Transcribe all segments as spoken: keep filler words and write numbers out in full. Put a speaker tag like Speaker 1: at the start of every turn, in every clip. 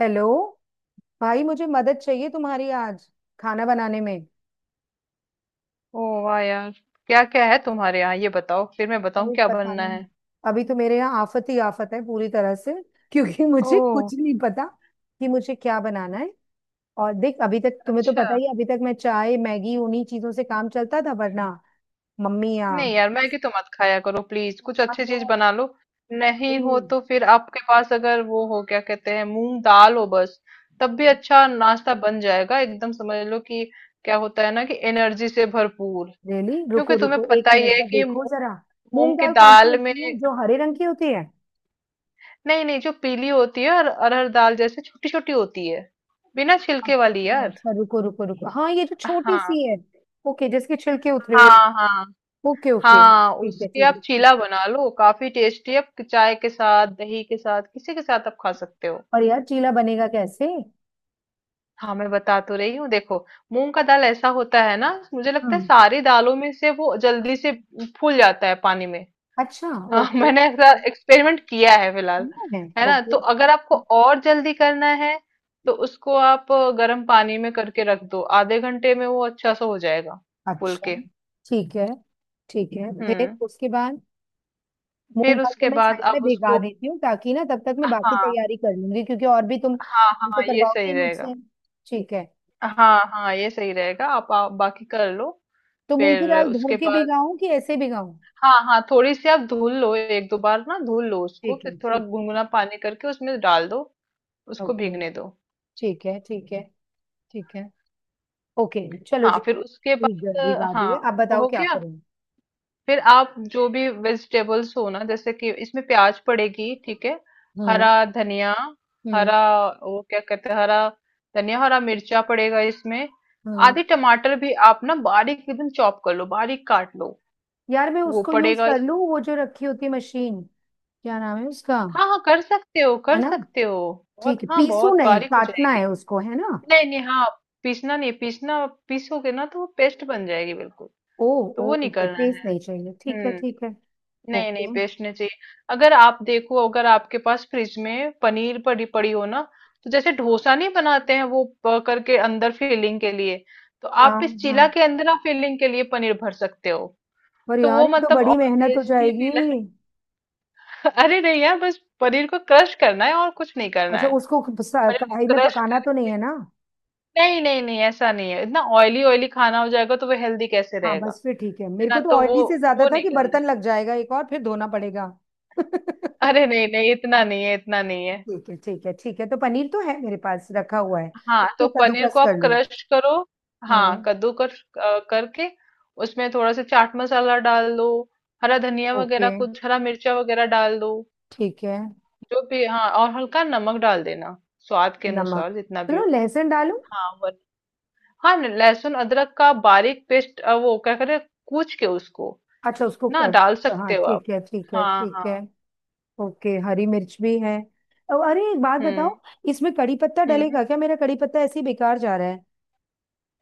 Speaker 1: Hello भाई, मुझे मदद चाहिए तुम्हारी आज खाना बनाने में।
Speaker 2: ओ वाह यार! क्या क्या है तुम्हारे यहाँ ये बताओ, फिर मैं बताऊँ
Speaker 1: अरे
Speaker 2: क्या
Speaker 1: पता
Speaker 2: बनना
Speaker 1: नहीं,
Speaker 2: है।
Speaker 1: अभी तो मेरे यहाँ आफत ही आफत है पूरी तरह से, क्योंकि मुझे
Speaker 2: ओह।
Speaker 1: कुछ नहीं पता कि मुझे क्या बनाना है। और देख, अभी तक तुम्हें तो पता
Speaker 2: अच्छा।
Speaker 1: ही है, अभी तक मैं चाय मैगी उन्हीं चीजों से काम चलता था, वरना मम्मी या हम
Speaker 2: नहीं यार, मैगी तो मत खाया करो प्लीज, कुछ अच्छी चीज
Speaker 1: लोग।
Speaker 2: बना लो। नहीं हो
Speaker 1: अभी-
Speaker 2: तो फिर आपके पास अगर वो हो, क्या कहते हैं, मूंग दाल हो बस। तब भी अच्छा नाश्ता बन जाएगा एकदम, समझ लो कि क्या होता है ना, कि एनर्जी से भरपूर।
Speaker 1: रेली,
Speaker 2: क्योंकि
Speaker 1: रुको
Speaker 2: तुम्हें
Speaker 1: रुको एक
Speaker 2: पता ही
Speaker 1: मिनट
Speaker 2: है
Speaker 1: का
Speaker 2: कि
Speaker 1: देखो
Speaker 2: मूंग।
Speaker 1: जरा।
Speaker 2: मूंग
Speaker 1: मूंग
Speaker 2: की
Speaker 1: दाल कौन सी
Speaker 2: दाल में।
Speaker 1: होती है, जो हरे रंग की होती है?
Speaker 2: नहीं नहीं, जो पीली होती है, और अरहर दाल जैसे छोटी छोटी होती है, बिना छिलके वाली
Speaker 1: अच्छा
Speaker 2: यार।
Speaker 1: अच्छा, रुको रुको रुको, हाँ ये जो छोटी
Speaker 2: हाँ
Speaker 1: सी है। ओके, जिसके छिलके उतरे हुए।
Speaker 2: हाँ। हाँ
Speaker 1: ओके ओके,
Speaker 2: हाँ।
Speaker 1: ठीक है
Speaker 2: उसकी
Speaker 1: ठीक है
Speaker 2: आप
Speaker 1: ठीक।
Speaker 2: चीला बना लो, काफी टेस्टी। आप चाय के साथ, दही के साथ, किसी के साथ आप खा सकते हो।
Speaker 1: और यार चीला बनेगा कैसे?
Speaker 2: हाँ, मैं बता तो रही हूँ, देखो। मूंग का दाल ऐसा होता है ना, मुझे लगता है
Speaker 1: हम्म।
Speaker 2: सारी दालों में से वो जल्दी से फूल जाता है पानी में।
Speaker 1: अच्छा।
Speaker 2: हाँ।
Speaker 1: ओके।
Speaker 2: मैंने ऐसा एक्सपेरिमेंट किया है फिलहाल।
Speaker 1: है।
Speaker 2: है ना, तो
Speaker 1: ओके।
Speaker 2: अगर आपको और जल्दी करना है तो उसको आप गर्म पानी में करके रख दो, आधे घंटे में वो अच्छा सा हो जाएगा, फूल
Speaker 1: अच्छा।
Speaker 2: के।
Speaker 1: ठीक है ठीक है, फिर
Speaker 2: हम्म।
Speaker 1: उसके बाद मूंग
Speaker 2: फिर
Speaker 1: दाल को
Speaker 2: उसके
Speaker 1: मैं
Speaker 2: बाद
Speaker 1: साइड में
Speaker 2: आप
Speaker 1: भिगा
Speaker 2: उसको।
Speaker 1: देती हूँ, ताकि ना तब तक मैं बाकी
Speaker 2: हाँ
Speaker 1: तैयारी कर लूंगी, क्योंकि और भी तुम
Speaker 2: हाँ
Speaker 1: तुम तो
Speaker 2: हाँ, ये
Speaker 1: करवाओगे
Speaker 2: सही
Speaker 1: ही
Speaker 2: रहेगा।
Speaker 1: मुझसे। ठीक है,
Speaker 2: हाँ हाँ, ये सही रहेगा, आप, आप बाकी कर लो।
Speaker 1: तो मूंग की
Speaker 2: फिर
Speaker 1: दाल धो
Speaker 2: उसके
Speaker 1: के
Speaker 2: बाद।
Speaker 1: भिगाऊं कि ऐसे भिगाऊं?
Speaker 2: हाँ हाँ, थोड़ी सी आप धुल लो, एक दो बार ना धुल लो उसको,
Speaker 1: ठीक
Speaker 2: फिर
Speaker 1: है
Speaker 2: थोड़ा
Speaker 1: ठीक।
Speaker 2: गुनगुना पानी करके उसमें डाल दो। उसको
Speaker 1: ओके।
Speaker 2: भीगने दो।
Speaker 1: ठीक है ठीक है ठीक है। ओके। चलो
Speaker 2: हाँ,
Speaker 1: जी।
Speaker 2: फिर उसके
Speaker 1: ठीक है,
Speaker 2: बाद।
Speaker 1: भिगा
Speaker 2: हाँ।
Speaker 1: दिए, आप
Speaker 2: वो
Speaker 1: बताओ
Speaker 2: हो
Speaker 1: क्या
Speaker 2: गया।
Speaker 1: करूँ।
Speaker 2: फिर आप जो भी वेजिटेबल्स हो ना, जैसे कि इसमें प्याज पड़ेगी, ठीक है। हरा धनिया,
Speaker 1: हम्म
Speaker 2: हरा, वो क्या कहते हैं, हरा धनिया, हरा मिर्चा पड़ेगा इसमें।
Speaker 1: हम्म।
Speaker 2: आधी टमाटर भी आप ना बारीक एकदम चॉप कर लो, बारीक काट लो।
Speaker 1: यार मैं
Speaker 2: वो
Speaker 1: उसको यूज
Speaker 2: पड़ेगा
Speaker 1: कर लूं,
Speaker 2: इसमें।
Speaker 1: वो जो रखी होती है मशीन, क्या नाम है उसका?
Speaker 2: हाँ हाँ, कर सकते हो,
Speaker 1: है
Speaker 2: कर
Speaker 1: ना?
Speaker 2: सकते हो। बहुत,
Speaker 1: ठीक है,
Speaker 2: हाँ
Speaker 1: पीसू
Speaker 2: बहुत
Speaker 1: नहीं,
Speaker 2: बारीक हो
Speaker 1: काटना
Speaker 2: जाएगी।
Speaker 1: है उसको, है ना?
Speaker 2: नहीं नहीं। हाँ। पीसना नहीं, पीसना पीसोगे ना तो वो पेस्ट बन जाएगी बिल्कुल।
Speaker 1: ओ।
Speaker 2: तो
Speaker 1: ओ
Speaker 2: वो नहीं
Speaker 1: ओके,
Speaker 2: करना
Speaker 1: पेस्ट
Speaker 2: है।
Speaker 1: नहीं चाहिए, ठीक है
Speaker 2: हम्म।
Speaker 1: ठीक है।
Speaker 2: नहीं नहीं,
Speaker 1: ओके।
Speaker 2: पेस्ट नहीं चाहिए। अगर आप देखो, अगर आपके पास फ्रिज में पनीर पड़ी पड़ी हो ना। तो जैसे डोसा नहीं बनाते हैं वो प- करके अंदर फिलिंग के लिए। तो आप
Speaker 1: हाँ
Speaker 2: इस
Speaker 1: हाँ।
Speaker 2: चीला के अंदर आप फिलिंग के लिए पनीर भर सकते हो।
Speaker 1: पर
Speaker 2: तो
Speaker 1: यार
Speaker 2: वो
Speaker 1: ये तो
Speaker 2: मतलब और
Speaker 1: बड़ी मेहनत हो
Speaker 2: टेस्टी
Speaker 1: जाएगी।
Speaker 2: फील। अरे नहीं यार, बस पनीर को क्रश करना है, और कुछ नहीं करना
Speaker 1: अच्छा,
Speaker 2: है।
Speaker 1: उसको सा-
Speaker 2: पनीर
Speaker 1: कढ़ाई
Speaker 2: को
Speaker 1: में
Speaker 2: क्रश
Speaker 1: पकाना तो नहीं
Speaker 2: करके।
Speaker 1: है ना?
Speaker 2: नहीं नहीं नहीं, ऐसा नहीं है, इतना ऑयली ऑयली खाना हो जाएगा तो वो हेल्दी कैसे
Speaker 1: हाँ
Speaker 2: रहेगा।
Speaker 1: बस फिर ठीक है,
Speaker 2: है
Speaker 1: मेरे
Speaker 2: ना,
Speaker 1: को तो
Speaker 2: तो वो
Speaker 1: ऑयली से ज्यादा
Speaker 2: वो
Speaker 1: था
Speaker 2: नहीं
Speaker 1: कि
Speaker 2: करना है।
Speaker 1: बर्तन लग जाएगा एक और फिर धोना पड़ेगा।
Speaker 2: अरे नहीं नहीं, इतना नहीं है, इतना नहीं है।
Speaker 1: ठीक है ठीक है ठीक है, तो पनीर तो है मेरे पास रखा हुआ है।
Speaker 2: हाँ, तो
Speaker 1: उसको
Speaker 2: पनीर को
Speaker 1: कद्दूकस
Speaker 2: आप
Speaker 1: कर लो।
Speaker 2: क्रश करो। हाँ
Speaker 1: हम्म।
Speaker 2: कद्दूकस अ, करके। उसमें थोड़ा सा चाट मसाला डाल दो। हरा धनिया
Speaker 1: ओके
Speaker 2: वगैरह, कुछ हरा मिर्चा वगैरह डाल दो।
Speaker 1: ठीक है।
Speaker 2: जो भी, हाँ, और हल्का नमक डाल देना। स्वाद के
Speaker 1: नमक?
Speaker 2: अनुसार जितना भी
Speaker 1: चलो
Speaker 2: हो।
Speaker 1: लहसुन डालो।
Speaker 2: हाँ वन। हाँ न- लहसुन अदरक का बारीक पेस्ट अ, वो क्या करे। कूच के उसको।
Speaker 1: अच्छा, उसको
Speaker 2: ना
Speaker 1: क-
Speaker 2: डाल
Speaker 1: हाँ
Speaker 2: सकते हो आप।
Speaker 1: ठीक है ठीक है
Speaker 2: हाँ
Speaker 1: ठीक
Speaker 2: हाँ।
Speaker 1: है। ओके, हरी मिर्च भी है। अब अरे एक बात
Speaker 2: हम्म
Speaker 1: बताओ, इसमें कड़ी पत्ता
Speaker 2: हम्म।
Speaker 1: डलेगा क्या? मेरा कड़ी पत्ता ऐसे ही बेकार जा रहा है।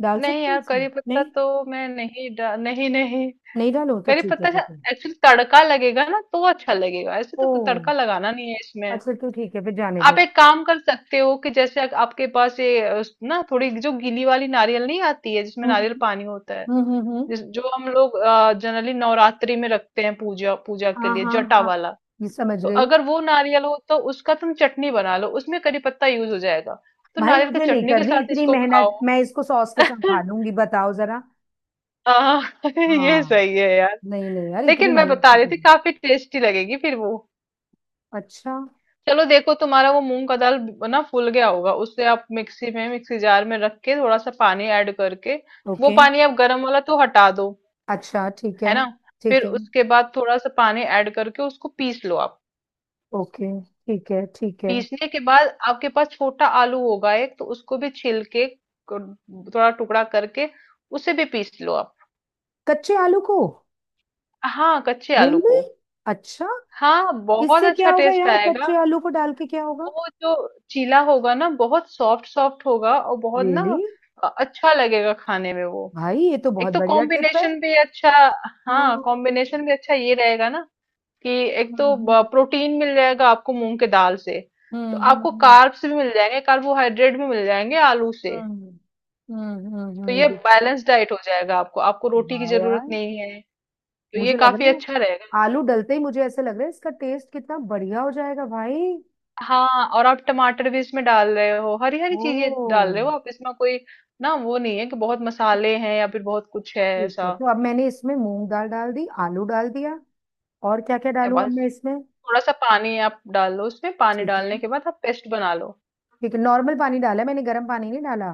Speaker 1: डाल
Speaker 2: नहीं
Speaker 1: सकते हैं
Speaker 2: यार,
Speaker 1: इसमें?
Speaker 2: करी पत्ता
Speaker 1: नहीं,
Speaker 2: तो मैं नहीं डा नहीं नहीं।
Speaker 1: नहीं डालो तो
Speaker 2: करी
Speaker 1: ठीक है
Speaker 2: पत्ता
Speaker 1: ठीक है।
Speaker 2: एक्चुअली तड़का लगेगा ना तो अच्छा लगेगा, ऐसे
Speaker 1: ओ
Speaker 2: तो तड़का लगाना नहीं है इसमें।
Speaker 1: अच्छा, तो ठीक है फिर, जाने
Speaker 2: आप
Speaker 1: दो।
Speaker 2: एक काम कर सकते हो, कि जैसे अग- आपके पास ये अ, उस- ना, थोड़ी जो गीली वाली नारियल नहीं आती है, जिसमें
Speaker 1: हम्म
Speaker 2: नारियल पानी होता है।
Speaker 1: हम्म हम्म। हम्म।
Speaker 2: जिस जो हम लोग जनरली नवरात्रि में रखते हैं पूजा पूजा के
Speaker 1: हाँ
Speaker 2: लिए,
Speaker 1: हाँ
Speaker 2: जटा
Speaker 1: हाँ,
Speaker 2: वाला।
Speaker 1: ये समझ
Speaker 2: तो
Speaker 1: गई।
Speaker 2: अगर वो नारियल हो तो उसका तुम चटनी बना लो, उसमें करी पत्ता यूज हो जाएगा। तो
Speaker 1: भाई
Speaker 2: नारियल की
Speaker 1: मुझे नहीं
Speaker 2: चटनी के
Speaker 1: करनी
Speaker 2: साथ
Speaker 1: इतनी
Speaker 2: इसको खाओ।
Speaker 1: मेहनत, मैं इसको सॉस के साथ खा लूंगी, बताओ जरा।
Speaker 2: हाँ, ये
Speaker 1: हाँ।
Speaker 2: सही है यार।
Speaker 1: नहीं नहीं यार, इतनी
Speaker 2: लेकिन मैं बता
Speaker 1: महंगी
Speaker 2: रही
Speaker 1: क्यों
Speaker 2: थी,
Speaker 1: है?
Speaker 2: काफी टेस्टी लगेगी फिर वो।
Speaker 1: अच्छा।
Speaker 2: चलो देखो, तुम्हारा वो मूंग का दाल ना फूल गया होगा, उससे आप मिक्सी में मिक्सी जार में रख के थोड़ा सा पानी ऐड करके। वो
Speaker 1: ओके।
Speaker 2: पानी आप गर्म वाला तो हटा दो।
Speaker 1: अच्छा ठीक है।
Speaker 2: है ना। फिर
Speaker 1: ठीक है।
Speaker 2: उसके बाद थोड़ा सा पानी ऐड करके उसको पीस लो आप।
Speaker 1: ओके। ठीक है ठीक है।
Speaker 2: पीसने के बाद आपके पास छोटा आलू होगा एक, तो उसको भी छील के क- थोड़ा टुकड़ा करके उसे भी पीस लो आप।
Speaker 1: कच्चे आलू को?
Speaker 2: हाँ, कच्चे आलू
Speaker 1: रियली।
Speaker 2: को।
Speaker 1: अच्छा।
Speaker 2: हाँ, बहुत
Speaker 1: इससे
Speaker 2: अच्छा
Speaker 1: क्या होगा
Speaker 2: टेस्ट
Speaker 1: यार,
Speaker 2: आएगा।
Speaker 1: कच्चे आलू को डाल के क्या होगा?
Speaker 2: वो जो चीला होगा ना बहुत सॉफ्ट सॉफ्ट होगा और बहुत ना
Speaker 1: रियली?
Speaker 2: अ- अच्छा लगेगा खाने में वो।
Speaker 1: भाई ये तो
Speaker 2: एक
Speaker 1: बहुत
Speaker 2: तो
Speaker 1: बढ़िया टिप है।
Speaker 2: कॉम्बिनेशन भी अच्छा। हाँ,
Speaker 1: हम्म
Speaker 2: कॉम्बिनेशन भी अच्छा ये रहेगा ना, कि एक तो
Speaker 1: हम्म।
Speaker 2: प्रोटीन मिल जाएगा आपको मूंग के दाल से। तो
Speaker 1: हम्म
Speaker 2: आपको
Speaker 1: हम्म।
Speaker 2: कार्ब्स भी मिल जाएंगे, कार्बोहाइड्रेट भी मिल जाएंगे आलू से।
Speaker 1: हम्म। हम्म हम्म,
Speaker 2: तो ये
Speaker 1: हम्म,
Speaker 2: बैलेंस डाइट हो जाएगा आपको, आपको रोटी की
Speaker 1: वाह
Speaker 2: जरूरत
Speaker 1: यार।
Speaker 2: नहीं है। तो ये
Speaker 1: मुझे लग
Speaker 2: काफी
Speaker 1: रहा है,
Speaker 2: अच्छा रहेगा।
Speaker 1: आलू डलते ही मुझे ऐसे लग रहा है इसका टेस्ट कितना बढ़िया हो जाएगा भाई।
Speaker 2: हाँ, और आप टमाटर भी इसमें डाल रहे हो, हरी हरी चीजें डाल
Speaker 1: ओ।
Speaker 2: रहे हो आप इसमें, कोई। ना वो नहीं है कि बहुत मसाले हैं, या फिर बहुत कुछ है
Speaker 1: ठीक है,
Speaker 2: ऐसा।
Speaker 1: तो अब मैंने इसमें मूंग दाल डाल दी, आलू डाल दिया, और क्या क्या
Speaker 2: ए,
Speaker 1: डालूं अब
Speaker 2: बस।
Speaker 1: मैं इसमें?
Speaker 2: थोड़ा सा पानी आप डाल लो उसमें, पानी
Speaker 1: ठीक
Speaker 2: डालने
Speaker 1: है
Speaker 2: के बाद आप पेस्ट बना लो।
Speaker 1: ठीक है, नॉर्मल पानी डाला है मैंने, गर्म पानी नहीं डाला।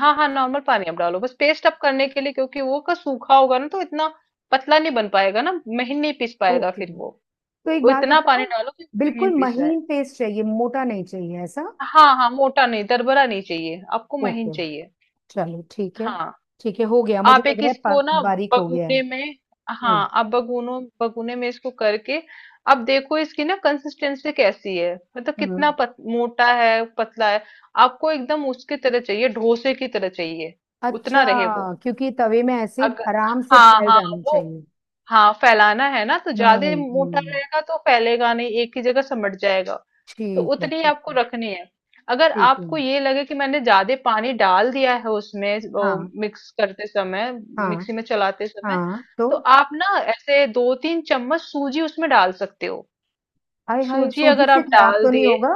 Speaker 2: हाँ हाँ, नॉर्मल पानी आप डालो, बस पेस्ट आप करने के लिए, क्योंकि वो का सूखा होगा ना तो इतना पतला नहीं बन पाएगा ना। महीन नहीं पीस पाएगा
Speaker 1: ओके।
Speaker 2: फिर वो।
Speaker 1: तो एक
Speaker 2: तो
Speaker 1: बात
Speaker 2: इतना पानी
Speaker 1: बताओ,
Speaker 2: डालो कि महीन
Speaker 1: बिल्कुल
Speaker 2: पीस जाए।
Speaker 1: महीन पेस्ट चाहिए, मोटा नहीं चाहिए ऐसा?
Speaker 2: हाँ हाँ, मोटा नहीं, दरबरा नहीं चाहिए आपको, महीन
Speaker 1: ओके,
Speaker 2: चाहिए।
Speaker 1: चलो ठीक है।
Speaker 2: हाँ।
Speaker 1: ठीक है हो गया, मुझे
Speaker 2: आप
Speaker 1: लग
Speaker 2: एक
Speaker 1: रहा है पा-
Speaker 2: इसको ना
Speaker 1: बारीक हो गया है।
Speaker 2: बगुने में।
Speaker 1: हम्म।
Speaker 2: हाँ, आप बगुनों बगुने में इसको करके। अब देखो इसकी ना कंसिस्टेंसी कैसी है, मतलब कितना
Speaker 1: हम्म।
Speaker 2: पत, मोटा है पतला है। आपको एकदम उसकी तरह चाहिए, डोसे की तरह चाहिए।
Speaker 1: अच्छा।
Speaker 2: उतना रहे वो।
Speaker 1: क्योंकि तवे में ऐसे
Speaker 2: अगर,
Speaker 1: आराम से
Speaker 2: हाँ
Speaker 1: फैल
Speaker 2: हाँ,
Speaker 1: जाना
Speaker 2: वो।
Speaker 1: चाहिए।
Speaker 2: हाँ, फैलाना है ना, तो
Speaker 1: हम्म
Speaker 2: ज्यादा मोटा
Speaker 1: हम्म,
Speaker 2: रहेगा तो फैलेगा नहीं, एक ही जगह सिमट जाएगा। तो
Speaker 1: ठीक है
Speaker 2: उतनी
Speaker 1: ठीक
Speaker 2: आपको
Speaker 1: है
Speaker 2: रखनी है। अगर
Speaker 1: ठीक है।
Speaker 2: आपको ये लगे कि मैंने ज्यादा पानी डाल दिया है उसमें, वो
Speaker 1: हाँ
Speaker 2: मिक्स करते समय,
Speaker 1: हाँ।
Speaker 2: मिक्सी में चलाते समय।
Speaker 1: हाँ
Speaker 2: तो
Speaker 1: तो,
Speaker 2: आप ना ऐसे दो तीन चम्मच सूजी उसमें डाल सकते हो।
Speaker 1: हाय हाय,
Speaker 2: सूजी
Speaker 1: सूजी
Speaker 2: अगर
Speaker 1: से
Speaker 2: आप
Speaker 1: खराब
Speaker 2: डाल
Speaker 1: तो नहीं
Speaker 2: दिए।
Speaker 1: होगा?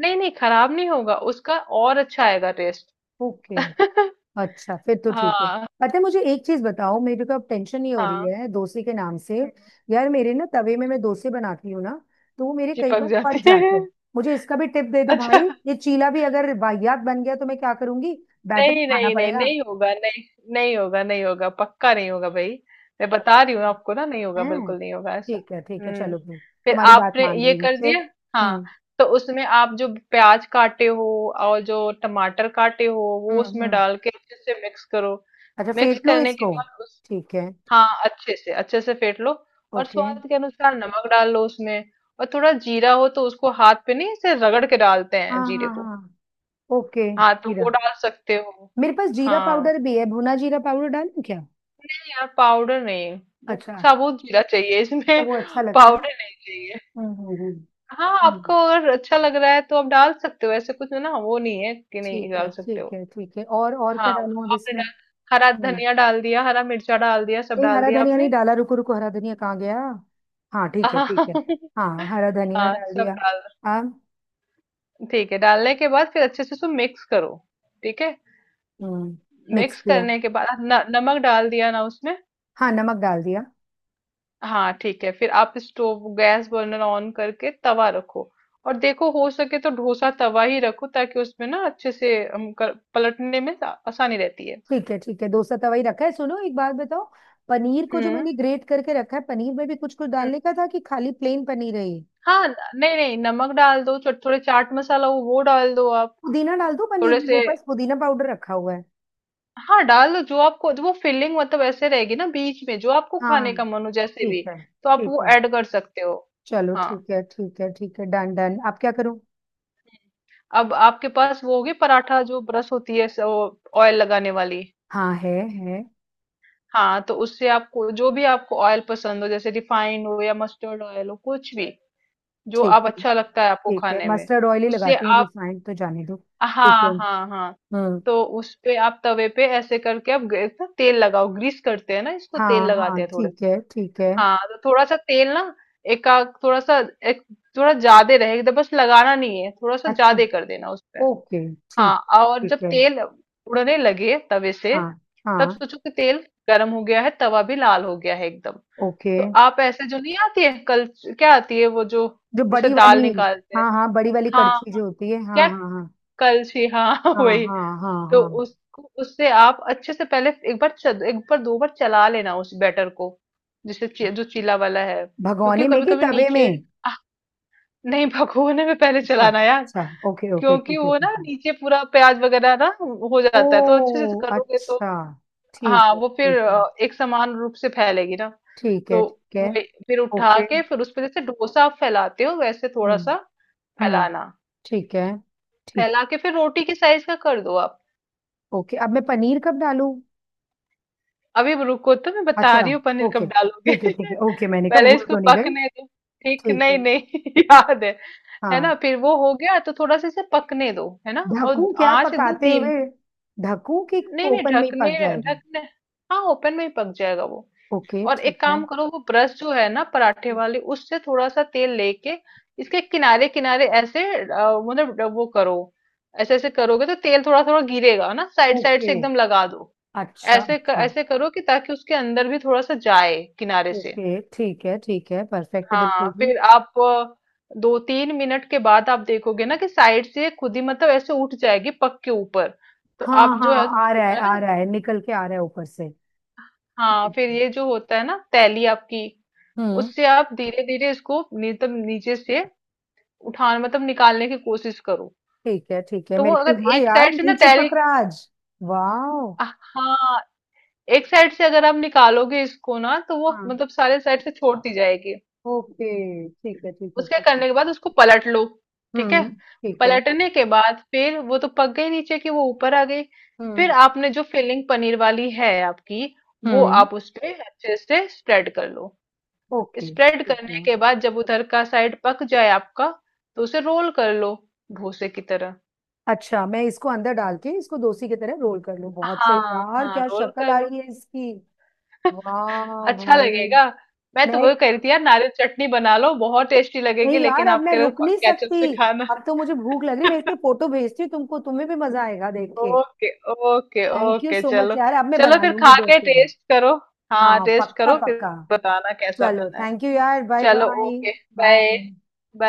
Speaker 2: नहीं नहीं, खराब नहीं होगा उसका, और अच्छा आएगा टेस्ट।
Speaker 1: ओके। अच्छा फिर तो ठीक है।
Speaker 2: हाँ
Speaker 1: पता है, मुझे एक चीज बताओ, मेरे को अब टेंशन नहीं हो रही
Speaker 2: हाँ।
Speaker 1: है डोसे के नाम से।
Speaker 2: हम्म।
Speaker 1: यार मेरे ना तवे में मैं डोसे बनाती हूँ ना, तो वो मेरे कई
Speaker 2: चिपक
Speaker 1: बार फट
Speaker 2: जाती है।
Speaker 1: जाते हैं, मुझे इसका भी टिप दे दो भाई।
Speaker 2: अच्छा।
Speaker 1: ये चीला भी अगर वाहियात बन गया तो मैं क्या करूंगी? बैटर
Speaker 2: नहीं
Speaker 1: खाना
Speaker 2: नहीं नहीं,
Speaker 1: पड़ेगा।
Speaker 2: नहीं होगा, नहीं। नहीं होगा, नहीं होगा, पक्का नहीं होगा भाई। मैं बता रही हूँ आपको ना, नहीं होगा,
Speaker 1: हैं?
Speaker 2: बिल्कुल नहीं होगा ऐसा।
Speaker 1: ठीक है ठीक है,
Speaker 2: हम्म।
Speaker 1: चलो फिर,
Speaker 2: फिर
Speaker 1: तुम्हारी बात
Speaker 2: आपने
Speaker 1: मान
Speaker 2: ये
Speaker 1: रही हूँ
Speaker 2: कर दिया।
Speaker 1: फिर।
Speaker 2: हाँ,
Speaker 1: हम्म।
Speaker 2: तो उसमें आप जो प्याज काटे हो और जो टमाटर काटे हो, वो
Speaker 1: हम्म
Speaker 2: उसमें
Speaker 1: हम्म।
Speaker 2: डाल के अच्छे से मिक्स करो।
Speaker 1: अच्छा
Speaker 2: मिक्स
Speaker 1: फेंट लो
Speaker 2: करने के
Speaker 1: इसको।
Speaker 2: बाद उस
Speaker 1: ठीक है।
Speaker 2: हाँ, अच्छे से अच्छे से फेंट लो। और
Speaker 1: ओके।
Speaker 2: स्वाद के अनुसार नमक डाल लो उसमें। और थोड़ा जीरा हो तो उसको हाथ पे नहीं, ऐसे रगड़ के डालते हैं
Speaker 1: हाँ
Speaker 2: जीरे
Speaker 1: हाँ
Speaker 2: को।
Speaker 1: हाँ, ओके
Speaker 2: हाँ, तो वो
Speaker 1: जीरा।
Speaker 2: डाल सकते हो।
Speaker 1: मेरे पास जीरा
Speaker 2: हाँ,
Speaker 1: पाउडर भी है, भुना जीरा पाउडर डालूं क्या?
Speaker 2: नहीं यार, पाउडर नहीं। वो
Speaker 1: अच्छा।
Speaker 2: साबुत जीरा चाहिए
Speaker 1: अच्छा,
Speaker 2: इसमें।
Speaker 1: वो अच्छा लगता है।
Speaker 2: पाउडर नहीं चाहिए।
Speaker 1: हम्म हम्म हम्म।
Speaker 2: हाँ, आपको
Speaker 1: हम्म,
Speaker 2: अगर अच्छा लग रहा है तो आप डाल सकते हो, ऐसे कुछ ना वो नहीं है कि नहीं
Speaker 1: ठीक है
Speaker 2: डाल सकते
Speaker 1: ठीक
Speaker 2: हो।
Speaker 1: है ठीक है, और और
Speaker 2: हाँ,
Speaker 1: क्या
Speaker 2: वो
Speaker 1: डालूं अब
Speaker 2: आपने
Speaker 1: इसमें?
Speaker 2: डाल, हरा
Speaker 1: हम्म।
Speaker 2: धनिया डाल दिया, हरा मिर्चा डाल दिया, सब
Speaker 1: नहीं,
Speaker 2: डाल
Speaker 1: हरा
Speaker 2: दिया
Speaker 1: धनिया नहीं
Speaker 2: आपने।
Speaker 1: डाला, रुको रुको, हरा धनिया कहाँ गया? हाँ ठीक है
Speaker 2: हाँ,
Speaker 1: ठीक है। हाँ हरा धनिया
Speaker 2: हाँ
Speaker 1: डाल
Speaker 2: सब
Speaker 1: दिया।
Speaker 2: डाल।
Speaker 1: अब।
Speaker 2: ठीक है, डालने के बाद फिर अच्छे से उसको मिक्स करो। ठीक है,
Speaker 1: हम्म। मिक्स
Speaker 2: मिक्स
Speaker 1: किया।
Speaker 2: करने के बाद न, नमक डाल दिया ना उसमें।
Speaker 1: हाँ, नमक डाल दिया।
Speaker 2: हाँ ठीक है, फिर आप स्टोव गैस बर्नर ऑन करके तवा रखो। और देखो, हो सके तो डोसा तवा ही रखो, ताकि उसमें ना अच्छे से हम कर, पलटने में आ- आसानी रहती है।
Speaker 1: ठीक है ठीक है, डोसा तवा ही रखा है। सुनो एक बात बताओ, पनीर को जो
Speaker 2: हम्म
Speaker 1: मैंने ग्रेट करके रखा है, पनीर में भी कुछ कुछ
Speaker 2: हम्म।
Speaker 1: डालने का था कि खाली प्लेन पनीर है ये?
Speaker 2: हाँ, न- नहीं नहीं, नमक डाल दो, थो- थोड़े चाट मसाला वो वो डाल दो आप।
Speaker 1: पुदीना डाल दो पनीर
Speaker 2: थोड़े
Speaker 1: में, मेरे
Speaker 2: से।
Speaker 1: पास पुदीना पाउडर रखा हुआ है।
Speaker 2: हाँ, डाल दो, जो आपको वो फिलिंग मतलब ऐसे रहेगी ना बीच में, जो आपको खाने
Speaker 1: हाँ।
Speaker 2: का मन हो जैसे
Speaker 1: ठीक
Speaker 2: भी।
Speaker 1: है
Speaker 2: तो आप
Speaker 1: ठीक
Speaker 2: वो
Speaker 1: है।
Speaker 2: ऐड कर सकते हो।
Speaker 1: चलो
Speaker 2: हाँ,
Speaker 1: ठीक है ठीक है ठीक है, डन डन, अब क्या करूँ?
Speaker 2: अब आपके पास वो होगी पराठा जो ब्रश होती है ऑयल लगाने वाली।
Speaker 1: हाँ है, है।
Speaker 2: हाँ, तो उससे आपको जो भी आपको ऑयल पसंद हो, जैसे रिफाइंड हो या मस्टर्ड ऑयल हो, कुछ भी। जो
Speaker 1: ठीक
Speaker 2: आप
Speaker 1: है
Speaker 2: अच्छा लगता है आपको
Speaker 1: ठीक है,
Speaker 2: खाने में।
Speaker 1: मस्टर्ड ऑयल ही
Speaker 2: उससे
Speaker 1: लगाती हूँ,
Speaker 2: आप।
Speaker 1: रिफाइंड तो जाने दो। ठीक
Speaker 2: हाँ
Speaker 1: है।
Speaker 2: हाँ हाँ।
Speaker 1: हम्म।
Speaker 2: तो उस पे आप तवे पे ऐसे करके आप गे- ना तेल लगाओ, ग्रीस करते हैं ना इसको
Speaker 1: हाँ
Speaker 2: तेल लगाते
Speaker 1: हाँ
Speaker 2: हैं थोड़े।
Speaker 1: ठीक है ठीक है।
Speaker 2: हाँ, तो थोड़ा सा तेल ना, एक आध- थोड़ा सा, एक थोड़ा ज्यादा रहेगा, बस लगाना नहीं है, थोड़ा सा
Speaker 1: अच्छा।
Speaker 2: ज्यादा कर देना उस पे।
Speaker 1: ओके।
Speaker 2: हाँ,
Speaker 1: ठीक।
Speaker 2: और जब
Speaker 1: ठीक है।
Speaker 2: तेल उड़ने लगे तवे से।
Speaker 1: हाँ।
Speaker 2: तब
Speaker 1: हाँ।
Speaker 2: सोचो कि तेल गर्म हो गया है, तवा भी लाल हो गया है एकदम।
Speaker 1: ओके।
Speaker 2: तो आप ऐसे जो नहीं आती है कल, क्या आती है, वो जो।
Speaker 1: जो
Speaker 2: जैसे
Speaker 1: बड़ी
Speaker 2: दाल
Speaker 1: वाली?
Speaker 2: निकालते हैं।
Speaker 1: हाँ हाँ, बड़ी वाली
Speaker 2: हाँ
Speaker 1: कड़छी
Speaker 2: हाँ,
Speaker 1: जो होती है,
Speaker 2: क्या
Speaker 1: हाँ हाँ
Speaker 2: कलछी, हाँ,
Speaker 1: हाँ हाँ
Speaker 2: वही।
Speaker 1: हाँ हाँ
Speaker 2: तो
Speaker 1: हाँ।
Speaker 2: उसको उससे आप अच्छे से पहले एक बार चद, एक बार दो बार चला लेना उस बैटर को। जिसे ची, जो चीला वाला है, क्योंकि
Speaker 1: भगोने में
Speaker 2: कभी
Speaker 1: कि
Speaker 2: कभी
Speaker 1: तवे
Speaker 2: नीचे।
Speaker 1: में?
Speaker 2: आह, नहीं, भगोने में पहले
Speaker 1: अच्छा
Speaker 2: चलाना यार।
Speaker 1: अच्छा, ओके ओके,
Speaker 2: क्योंकि
Speaker 1: ठीक है
Speaker 2: वो
Speaker 1: ठीक
Speaker 2: ना
Speaker 1: है।
Speaker 2: नीचे पूरा प्याज वगैरह ना हो जाता है तो अच्छे से
Speaker 1: ओ
Speaker 2: करोगे तो।
Speaker 1: अच्छा, ठीक
Speaker 2: हाँ,
Speaker 1: है
Speaker 2: वो फिर
Speaker 1: ठीक है।
Speaker 2: अ, एक समान रूप से फैलेगी ना।
Speaker 1: ठीक है
Speaker 2: तो
Speaker 1: ठीक है।
Speaker 2: वही। फिर उठा
Speaker 1: ओके।
Speaker 2: के, फिर उस पे जैसे डोसा आप फैलाते हो वैसे थोड़ा
Speaker 1: हम्म
Speaker 2: सा
Speaker 1: हम्म,
Speaker 2: फैलाना।
Speaker 1: ठीक है ठीक।
Speaker 2: फैला के फिर रोटी के साइज का कर दो आप।
Speaker 1: ओके, अब मैं पनीर कब डालूं?
Speaker 2: अभी रुको, तो मैं
Speaker 1: अच्छा।
Speaker 2: बता रही हूँ पनीर
Speaker 1: ओके
Speaker 2: कब डालोगे।
Speaker 1: ठीक है ठीक है, ओके, मैंने कहा
Speaker 2: पहले
Speaker 1: भूल
Speaker 2: इसको
Speaker 1: तो नहीं गई।
Speaker 2: पकने दो। ठीक,
Speaker 1: ठीक है।
Speaker 2: नहीं नहीं, याद है। है
Speaker 1: हाँ।
Speaker 2: ना, फिर वो हो गया तो थोड़ा सा इसे पकने दो, है ना, और
Speaker 1: ढकूं क्या
Speaker 2: आंच एकदम
Speaker 1: पकाते
Speaker 2: धीम।
Speaker 1: हुए? ढकूं कि
Speaker 2: नहीं नहीं,
Speaker 1: ओपन में ही
Speaker 2: ढकने।
Speaker 1: पक जाएगा?
Speaker 2: ढकने, हाँ, ओपन में ही पक जाएगा वो।
Speaker 1: ओके
Speaker 2: और
Speaker 1: ठीक
Speaker 2: एक
Speaker 1: है।
Speaker 2: काम करो, वो ब्रश जो है ना पराठे वाली, उससे थोड़ा सा तेल लेके। इसके किनारे किनारे ऐसे अ, मतलब ड- वो करो। ऐसे ऐसे करोगे तो तेल थोड़ा थोड़ा गिरेगा ना, साइड साइड से
Speaker 1: ओके।
Speaker 2: एकदम लगा दो।
Speaker 1: अच्छा
Speaker 2: ऐसे क,
Speaker 1: अच्छा।
Speaker 2: ऐसे करो कि ताकि उसके अंदर भी थोड़ा सा जाए किनारे से।
Speaker 1: ओके ठीक है ठीक है, परफेक्ट है
Speaker 2: हाँ,
Speaker 1: बिल्कुल भी।
Speaker 2: फिर आप अ, दो तीन मिनट के बाद आप देखोगे ना कि साइड से खुद ही मतलब ऐसे उठ जाएगी पक के ऊपर। तो
Speaker 1: हाँ
Speaker 2: आप जो
Speaker 1: हाँ,
Speaker 2: है।
Speaker 1: आ रहा है आ रहा है, निकल के आ रहा है ऊपर
Speaker 2: हाँ, फिर
Speaker 1: से।
Speaker 2: ये जो होता है ना तैली आपकी।
Speaker 1: हम्म।
Speaker 2: उससे आप धीरे धीरे इसको मतलब नीचे से। उठान मतलब निकालने की कोशिश करो।
Speaker 1: ठीक है ठीक है,
Speaker 2: तो वो
Speaker 1: मेरे ख्याल,
Speaker 2: अगर
Speaker 1: हाँ
Speaker 2: एक
Speaker 1: यार
Speaker 2: साइड से ना
Speaker 1: नहीं
Speaker 2: तैली।
Speaker 1: चिपक रहा आज। वाओ।
Speaker 2: हाँ, एक साइड से अगर आप निकालोगे इसको ना, तो वो
Speaker 1: हाँ।
Speaker 2: मतलब सारे साइड से छोड़ती जाएगी।
Speaker 1: ओके ठीक है ठीक है
Speaker 2: उसके
Speaker 1: ठीक है।
Speaker 2: करने के बाद उसको पलट लो। ठीक है।
Speaker 1: हम्म। ठीक है।
Speaker 2: पलटने के बाद फिर वो तो पक गई, नीचे की वो ऊपर आ गई। फिर
Speaker 1: हम्म।
Speaker 2: आपने जो फिलिंग पनीर वाली है आपकी। वो
Speaker 1: हम्म।
Speaker 2: आप उस पे अच्छे से स्प्रेड कर लो।
Speaker 1: ओके
Speaker 2: स्प्रेड
Speaker 1: ठीक
Speaker 2: करने
Speaker 1: है।
Speaker 2: के बाद जब उधर का साइड पक जाए आपका। तो उसे रोल कर लो। भूसे की तरह।
Speaker 1: अच्छा, मैं इसको अंदर डाल के इसको डोसी की तरह रोल कर लूं? बहुत सही
Speaker 2: हाँ
Speaker 1: यार,
Speaker 2: हाँ,
Speaker 1: क्या
Speaker 2: रोल
Speaker 1: शक्ल
Speaker 2: कर
Speaker 1: आ
Speaker 2: लो।
Speaker 1: रही है इसकी। वाह
Speaker 2: अच्छा
Speaker 1: भाई।
Speaker 2: लगेगा। मैं तो
Speaker 1: मैं।
Speaker 2: वो कह रही थी यार, नारियल चटनी बना लो बहुत टेस्टी लगेगी,
Speaker 1: नहीं यार,
Speaker 2: लेकिन
Speaker 1: अब
Speaker 2: आप
Speaker 1: मैं
Speaker 2: कह रहे हो
Speaker 1: रुक नहीं
Speaker 2: केचप से
Speaker 1: सकती,
Speaker 2: खाना।
Speaker 1: अब तो मुझे भूख लग रही है। मैं इसकी फोटो भेजती हूँ तुमको, तुम्हें भी मजा आएगा देख के।
Speaker 2: Okay okay
Speaker 1: thank you
Speaker 2: okay
Speaker 1: so much
Speaker 2: चलो।
Speaker 1: यार, अब मैं
Speaker 2: चलो
Speaker 1: बना
Speaker 2: फिर
Speaker 1: लूंगी
Speaker 2: खा
Speaker 1: दो
Speaker 2: के
Speaker 1: तीन।
Speaker 2: टेस्ट करो। हाँ,
Speaker 1: हाँ
Speaker 2: टेस्ट
Speaker 1: पक्का
Speaker 2: करो फिर।
Speaker 1: पक्का।
Speaker 2: बताना कैसा
Speaker 1: चलो
Speaker 2: बना है।
Speaker 1: थैंक यू यार, बाय
Speaker 2: चलो
Speaker 1: bye.
Speaker 2: Okay, bye
Speaker 1: bye.
Speaker 2: Bye.